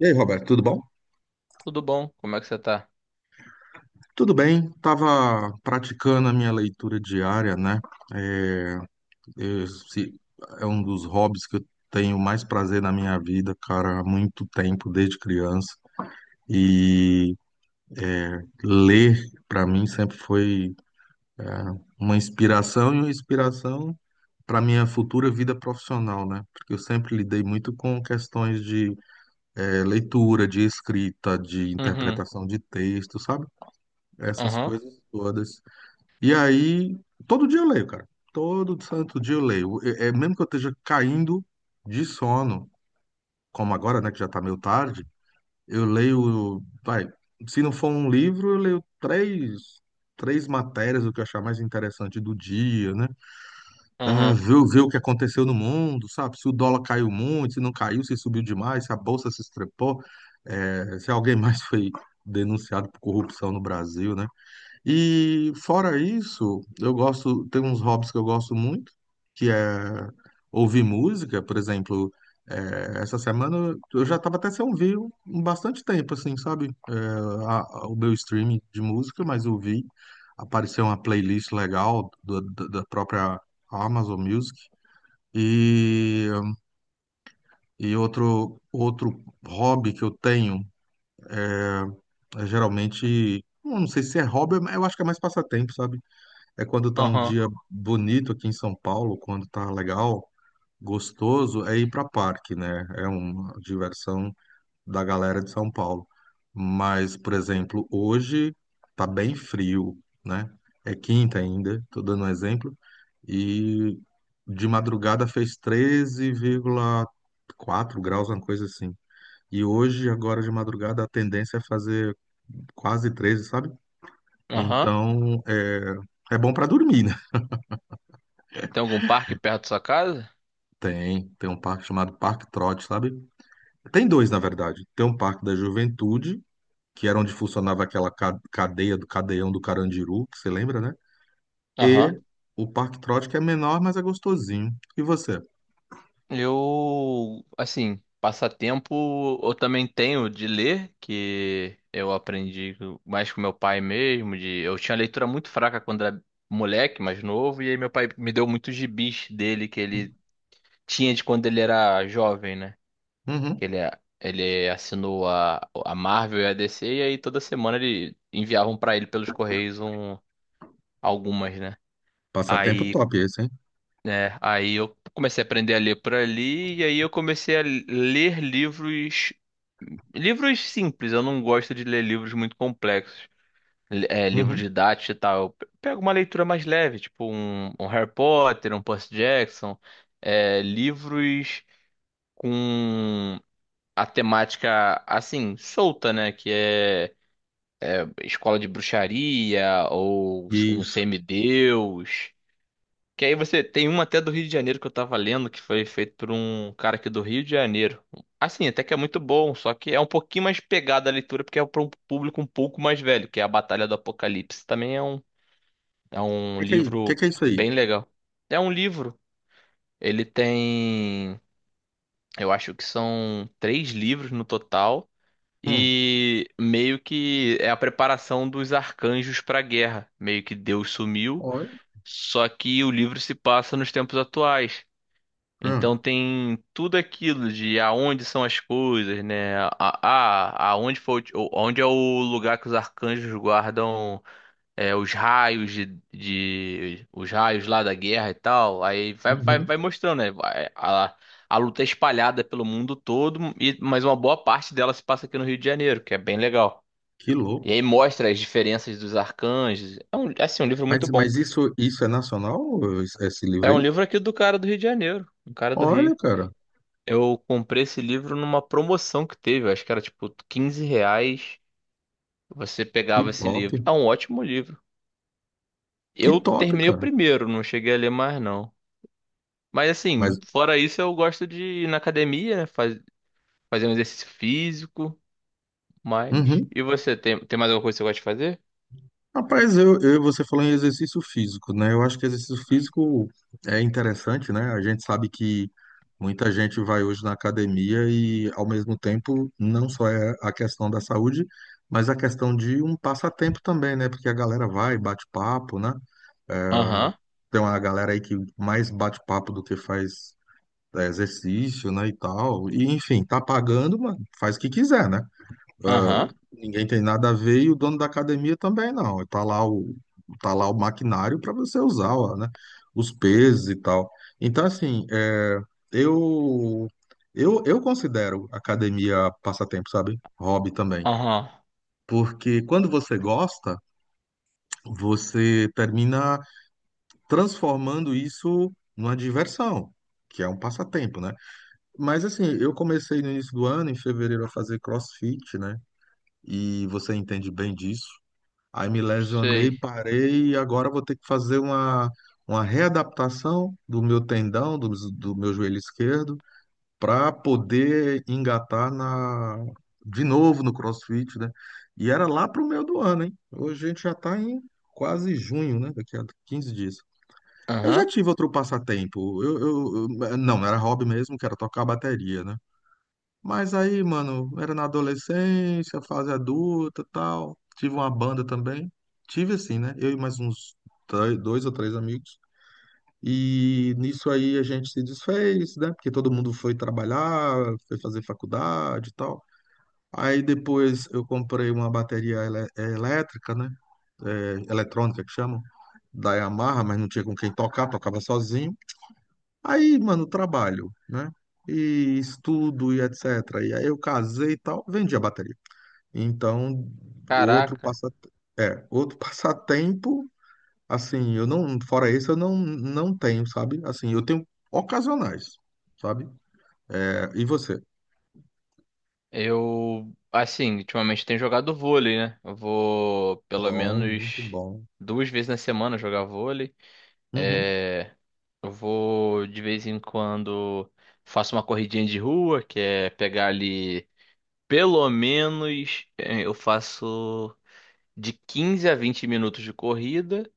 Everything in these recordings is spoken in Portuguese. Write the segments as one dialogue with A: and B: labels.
A: E aí, Roberto, tudo bom?
B: Tudo bom? Como é que você tá?
A: Tudo bem, estava praticando a minha leitura diária, né? Esse é um dos hobbies que eu tenho mais prazer na minha vida, cara, há muito tempo, desde criança. E ler, para mim, sempre foi uma inspiração e uma inspiração para minha futura vida profissional, né? Porque eu sempre lidei muito com questões de leitura, de escrita, de
B: Uhum,
A: interpretação de texto, sabe? Essas
B: uhum,
A: coisas todas. E aí, todo dia eu leio, cara. Todo santo dia eu leio. É, é mesmo que eu esteja caindo de sono, como agora, né, que já tá meio tarde, eu leio, vai, se não for um livro, eu leio três matérias, o que eu achar mais interessante do dia, né? Ah,
B: uhum,
A: ver o que aconteceu no mundo, sabe? Se o dólar caiu muito, se não caiu, se subiu demais, se a bolsa se estrepou, se alguém mais foi denunciado por corrupção no Brasil, né? E fora isso, eu gosto, tem uns hobbies que eu gosto muito, que é ouvir música, por exemplo, essa semana eu já estava até sem ouvir um bastante tempo, assim, sabe? O meu streaming de música, mas eu vi, apareceu uma playlist legal da própria Amazon Music. E, e outro hobby que eu tenho, eh, é geralmente, não sei se é hobby, mas eu acho que é mais passatempo, sabe? É quando tá um
B: uhum,
A: dia bonito aqui em São Paulo, quando tá legal, gostoso, é ir pra parque, né? É uma diversão da galera de São Paulo. Mas, por exemplo, hoje tá bem frio, né? É quinta ainda, tô dando um exemplo, e de madrugada fez 13,4 graus, uma coisa assim. E hoje, agora de madrugada, a tendência é fazer quase 13, sabe?
B: uhum.
A: Então, é, é bom pra dormir, né?
B: Tem algum parque perto da sua casa?
A: Tem, tem um parque chamado Parque Trote, sabe? Tem dois, na verdade. Tem um Parque da Juventude, que era onde funcionava aquela cadeia do cadeião do Carandiru, que você lembra, né?
B: Aham.
A: E o Parque Trote, que é menor, mas é gostosinho. E você?
B: Eu, assim, passatempo eu também tenho de ler, que eu aprendi mais com meu pai mesmo, de eu tinha leitura muito fraca quando era moleque, mais novo, e aí meu pai me deu muitos gibis dele que ele tinha de quando ele era jovem, né? que
A: Uhum.
B: Ele, ele assinou a Marvel e a DC, e aí toda semana ele enviavam pra ele pelos Correios algumas, né?
A: Passatempo
B: Aí,
A: top esse, hein?
B: né, aí eu comecei a aprender a ler por ali, e aí eu comecei a ler livros, livros simples, eu não gosto de ler livros muito complexos. É, livro
A: Uhum.
B: didático e tal. Eu pego uma leitura mais leve, tipo um Harry Potter, um Percy Jackson, livros com a temática assim, solta, né? Que é escola de bruxaria ou um
A: Isso.
B: semideus. Que aí você tem uma até do Rio de Janeiro que eu tava lendo, que foi feito por um cara aqui do Rio de Janeiro. Assim, até que é muito bom, só que é um pouquinho mais pegada a leitura, porque é para um público um pouco mais velho, que é A Batalha do Apocalipse. Também é é um
A: O que
B: livro
A: que é isso aí?
B: bem legal. É um livro. Ele tem, eu acho que são três livros no total.
A: Hum.
B: E meio que é a preparação dos arcanjos para a guerra. Meio que Deus sumiu,
A: Olha.
B: só que o livro se passa nos tempos atuais. Então
A: Hum.
B: tem tudo aquilo de aonde são as coisas, né? Aonde foi, onde é o lugar que os arcanjos guardam os raios os raios lá da guerra e tal. Aí vai, vai,
A: Uhum.
B: vai mostrando, né? A luta é espalhada pelo mundo todo, mas uma boa parte dela se passa aqui no Rio de Janeiro, que é bem legal.
A: Que
B: E
A: louco.
B: aí mostra as diferenças dos arcanjos. É, assim, um livro muito
A: Mas,
B: bom.
A: mas isso, isso é nacional, esse livro
B: É um
A: aí?
B: livro aqui do cara do Rio de Janeiro, um cara do
A: Olha,
B: Rio.
A: cara.
B: Eu comprei esse livro numa promoção que teve, eu acho que era tipo 15 reais. Você
A: Que
B: pegava esse
A: top.
B: livro. É um ótimo livro.
A: Que
B: Eu
A: top,
B: terminei o
A: cara.
B: primeiro, não cheguei a ler mais não. Mas assim,
A: Mas.
B: fora isso, eu gosto de ir na academia, né? fazer um exercício físico, mas.
A: Uhum.
B: E você, tem mais alguma coisa que você gosta de fazer?
A: Rapaz, eu você falando em exercício físico, né? Eu acho que exercício físico é interessante, né? A gente sabe que muita gente vai hoje na academia e, ao mesmo tempo, não só é a questão da saúde, mas a questão de um passatempo também, né? Porque a galera vai, bate papo, né?
B: Aham,
A: Tem uma galera aí que mais bate papo do que faz exercício, né? E tal. E, enfim, tá pagando, mano, faz o que quiser, né?
B: aham,
A: Ninguém tem nada a ver e o dono da academia também não. Tá lá o maquinário para você usar, ó, né? Os pesos e tal. Então, assim, é, eu, eu considero academia passatempo, sabe? Hobby também.
B: aham.
A: Porque quando você gosta, você termina transformando isso numa diversão, que é um passatempo, né? Mas assim, eu comecei no início do ano, em fevereiro, a fazer CrossFit, né? E você entende bem disso. Aí me lesionei,
B: Sei.
A: parei e agora vou ter que fazer uma readaptação do meu tendão, do meu joelho esquerdo, para poder engatar na, de novo no CrossFit, né? E era lá pro meio do ano, hein? Hoje a gente já está em quase junho, né? Daqui a 15 dias. Eu já
B: Aham.
A: tive outro passatempo. Não, não era hobby mesmo, que era tocar bateria, né? Mas aí, mano, era na adolescência, fase adulta, tal. Tive uma banda também. Tive assim, né? Eu e mais uns dois ou três amigos. E nisso aí a gente se desfez, né? Porque todo mundo foi trabalhar, foi fazer faculdade e tal. Aí depois eu comprei uma bateria elétrica, né? É, eletrônica que chamam, da Yamaha, mas não tinha com quem tocar, tocava sozinho. Aí, mano, trabalho, né? E estudo e etc. E aí eu casei e tal, vendi a bateria. Então, outro
B: Caraca.
A: passa outro passatempo, assim, eu não, fora esse eu não tenho, sabe? Assim, eu tenho ocasionais, sabe? É, e você?
B: Eu, assim, ultimamente tenho jogado vôlei, né? Eu vou pelo
A: Bom, muito
B: menos
A: bom.
B: duas vezes na semana jogar vôlei.
A: Uhum,
B: É, eu vou de vez em quando faço uma corridinha de rua, que é pegar ali. Pelo menos eu faço de 15 a 20 minutos de corrida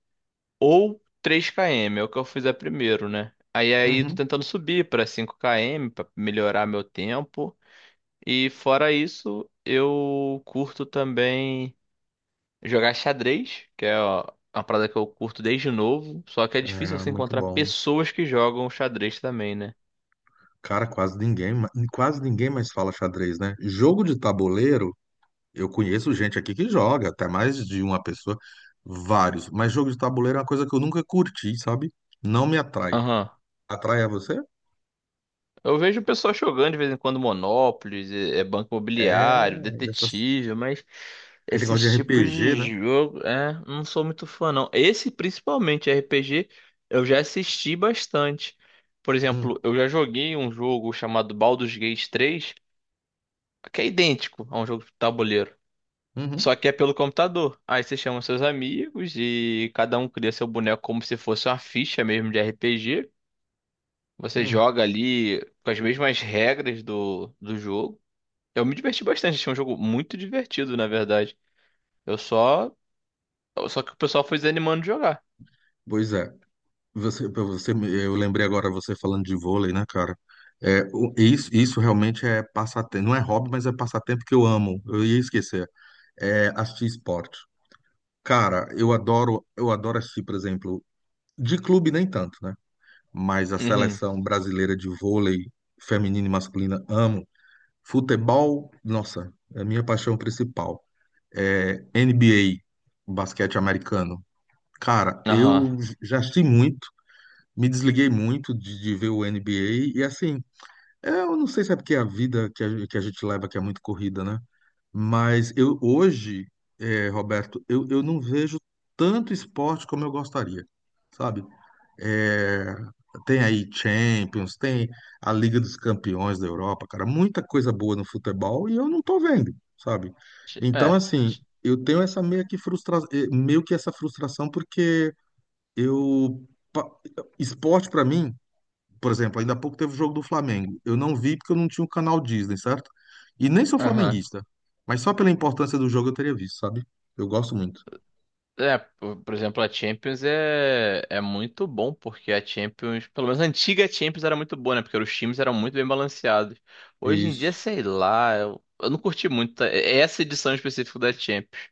B: ou 3 km, é o que eu fiz a primeiro, né? Aí tô
A: uhum.
B: tentando subir para 5 km para melhorar meu tempo. E fora isso, eu curto também jogar xadrez, que é ó, uma parada que eu curto desde novo, só que é difícil
A: É,
B: você
A: muito
B: encontrar
A: bom.
B: pessoas que jogam xadrez também, né?
A: Cara, quase ninguém mais fala xadrez, né? Jogo de tabuleiro. Eu conheço gente aqui que joga, até mais de uma pessoa, vários. Mas jogo de tabuleiro é uma coisa que eu nunca curti, sabe? Não me atrai.
B: Aham.
A: Atrai a você?
B: Eu vejo o pessoal jogando de vez em quando Monopoly, é Banco
A: É
B: Imobiliário,
A: dessas,
B: Detetive, mas
A: aquele negócio
B: esses
A: de
B: tipos
A: RPG,
B: de
A: né?
B: jogo, é, não sou muito fã não. Esse principalmente RPG, eu já assisti bastante. Por
A: Hum,
B: exemplo, eu já joguei um jogo chamado Baldur's Gate 3 que é idêntico a um jogo de tabuleiro,
A: uhum,
B: só que é pelo computador. Aí você chama seus amigos e cada um cria seu boneco como se fosse uma ficha mesmo de RPG. Você
A: hum.
B: joga ali com as mesmas regras do jogo. Eu me diverti bastante, achei um jogo muito divertido, na verdade. Eu só. Só que o pessoal foi desanimando de jogar.
A: Pois é. Você, pra você, eu lembrei agora você falando de vôlei, né, cara? É, isso, isso realmente é passatempo. Não é hobby, mas é passatempo que eu amo. Eu ia esquecer. É assistir esporte. Cara, eu adoro assistir, por exemplo, de clube nem tanto, né? mas a
B: Uhum.
A: seleção brasileira de vôlei feminina e masculina amo. Futebol, nossa, é a minha paixão principal. É NBA, basquete americano. Cara,
B: Aham.
A: eu já assisti muito, me desliguei muito de ver o NBA e assim, é, eu não sei se é porque a vida que a gente leva que é muito corrida, né? Mas eu hoje, Roberto, eu não vejo tanto esporte como eu gostaria, sabe? Eh, tem aí Champions, tem a Liga dos Campeões da Europa, cara, muita coisa boa no futebol e eu não tô vendo, sabe? Então,
B: É.
A: assim,
B: ti-
A: eu tenho essa meio que frustra... meio que essa frustração porque eu pa- esporte pra mim por exemplo, ainda há pouco teve o jogo do Flamengo. Eu não vi porque eu não tinha o canal Disney, certo? E nem sou
B: Aham.
A: flamenguista. Mas só pela importância do jogo eu teria visto, sabe? Eu gosto muito.
B: É, por exemplo, a Champions é muito bom, porque a Champions, pelo menos a antiga Champions era muito boa, né? Porque os times eram muito bem balanceados. Hoje em dia,
A: Isso.
B: sei lá, eu não curti muito tá? Essa edição específica da Champions.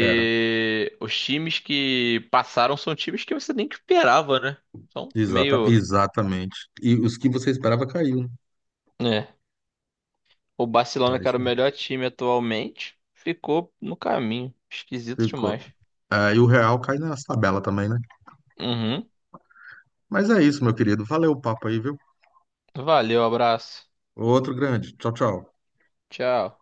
A: Era.
B: os times que passaram são times que você nem esperava, né? São
A: Exata,
B: meio.
A: exatamente. E os que você esperava caiu, né?
B: É. O Barcelona,
A: É
B: que era
A: isso
B: o
A: aí.
B: melhor time atualmente, ficou no caminho. Esquisito
A: Ficou.
B: demais.
A: É, e o Real cai nas tabela também, né?
B: Uhum.
A: Mas é isso, meu querido. Valeu o papo aí, viu?
B: Valeu, abraço.
A: Outro grande. Tchau, tchau.
B: Tchau.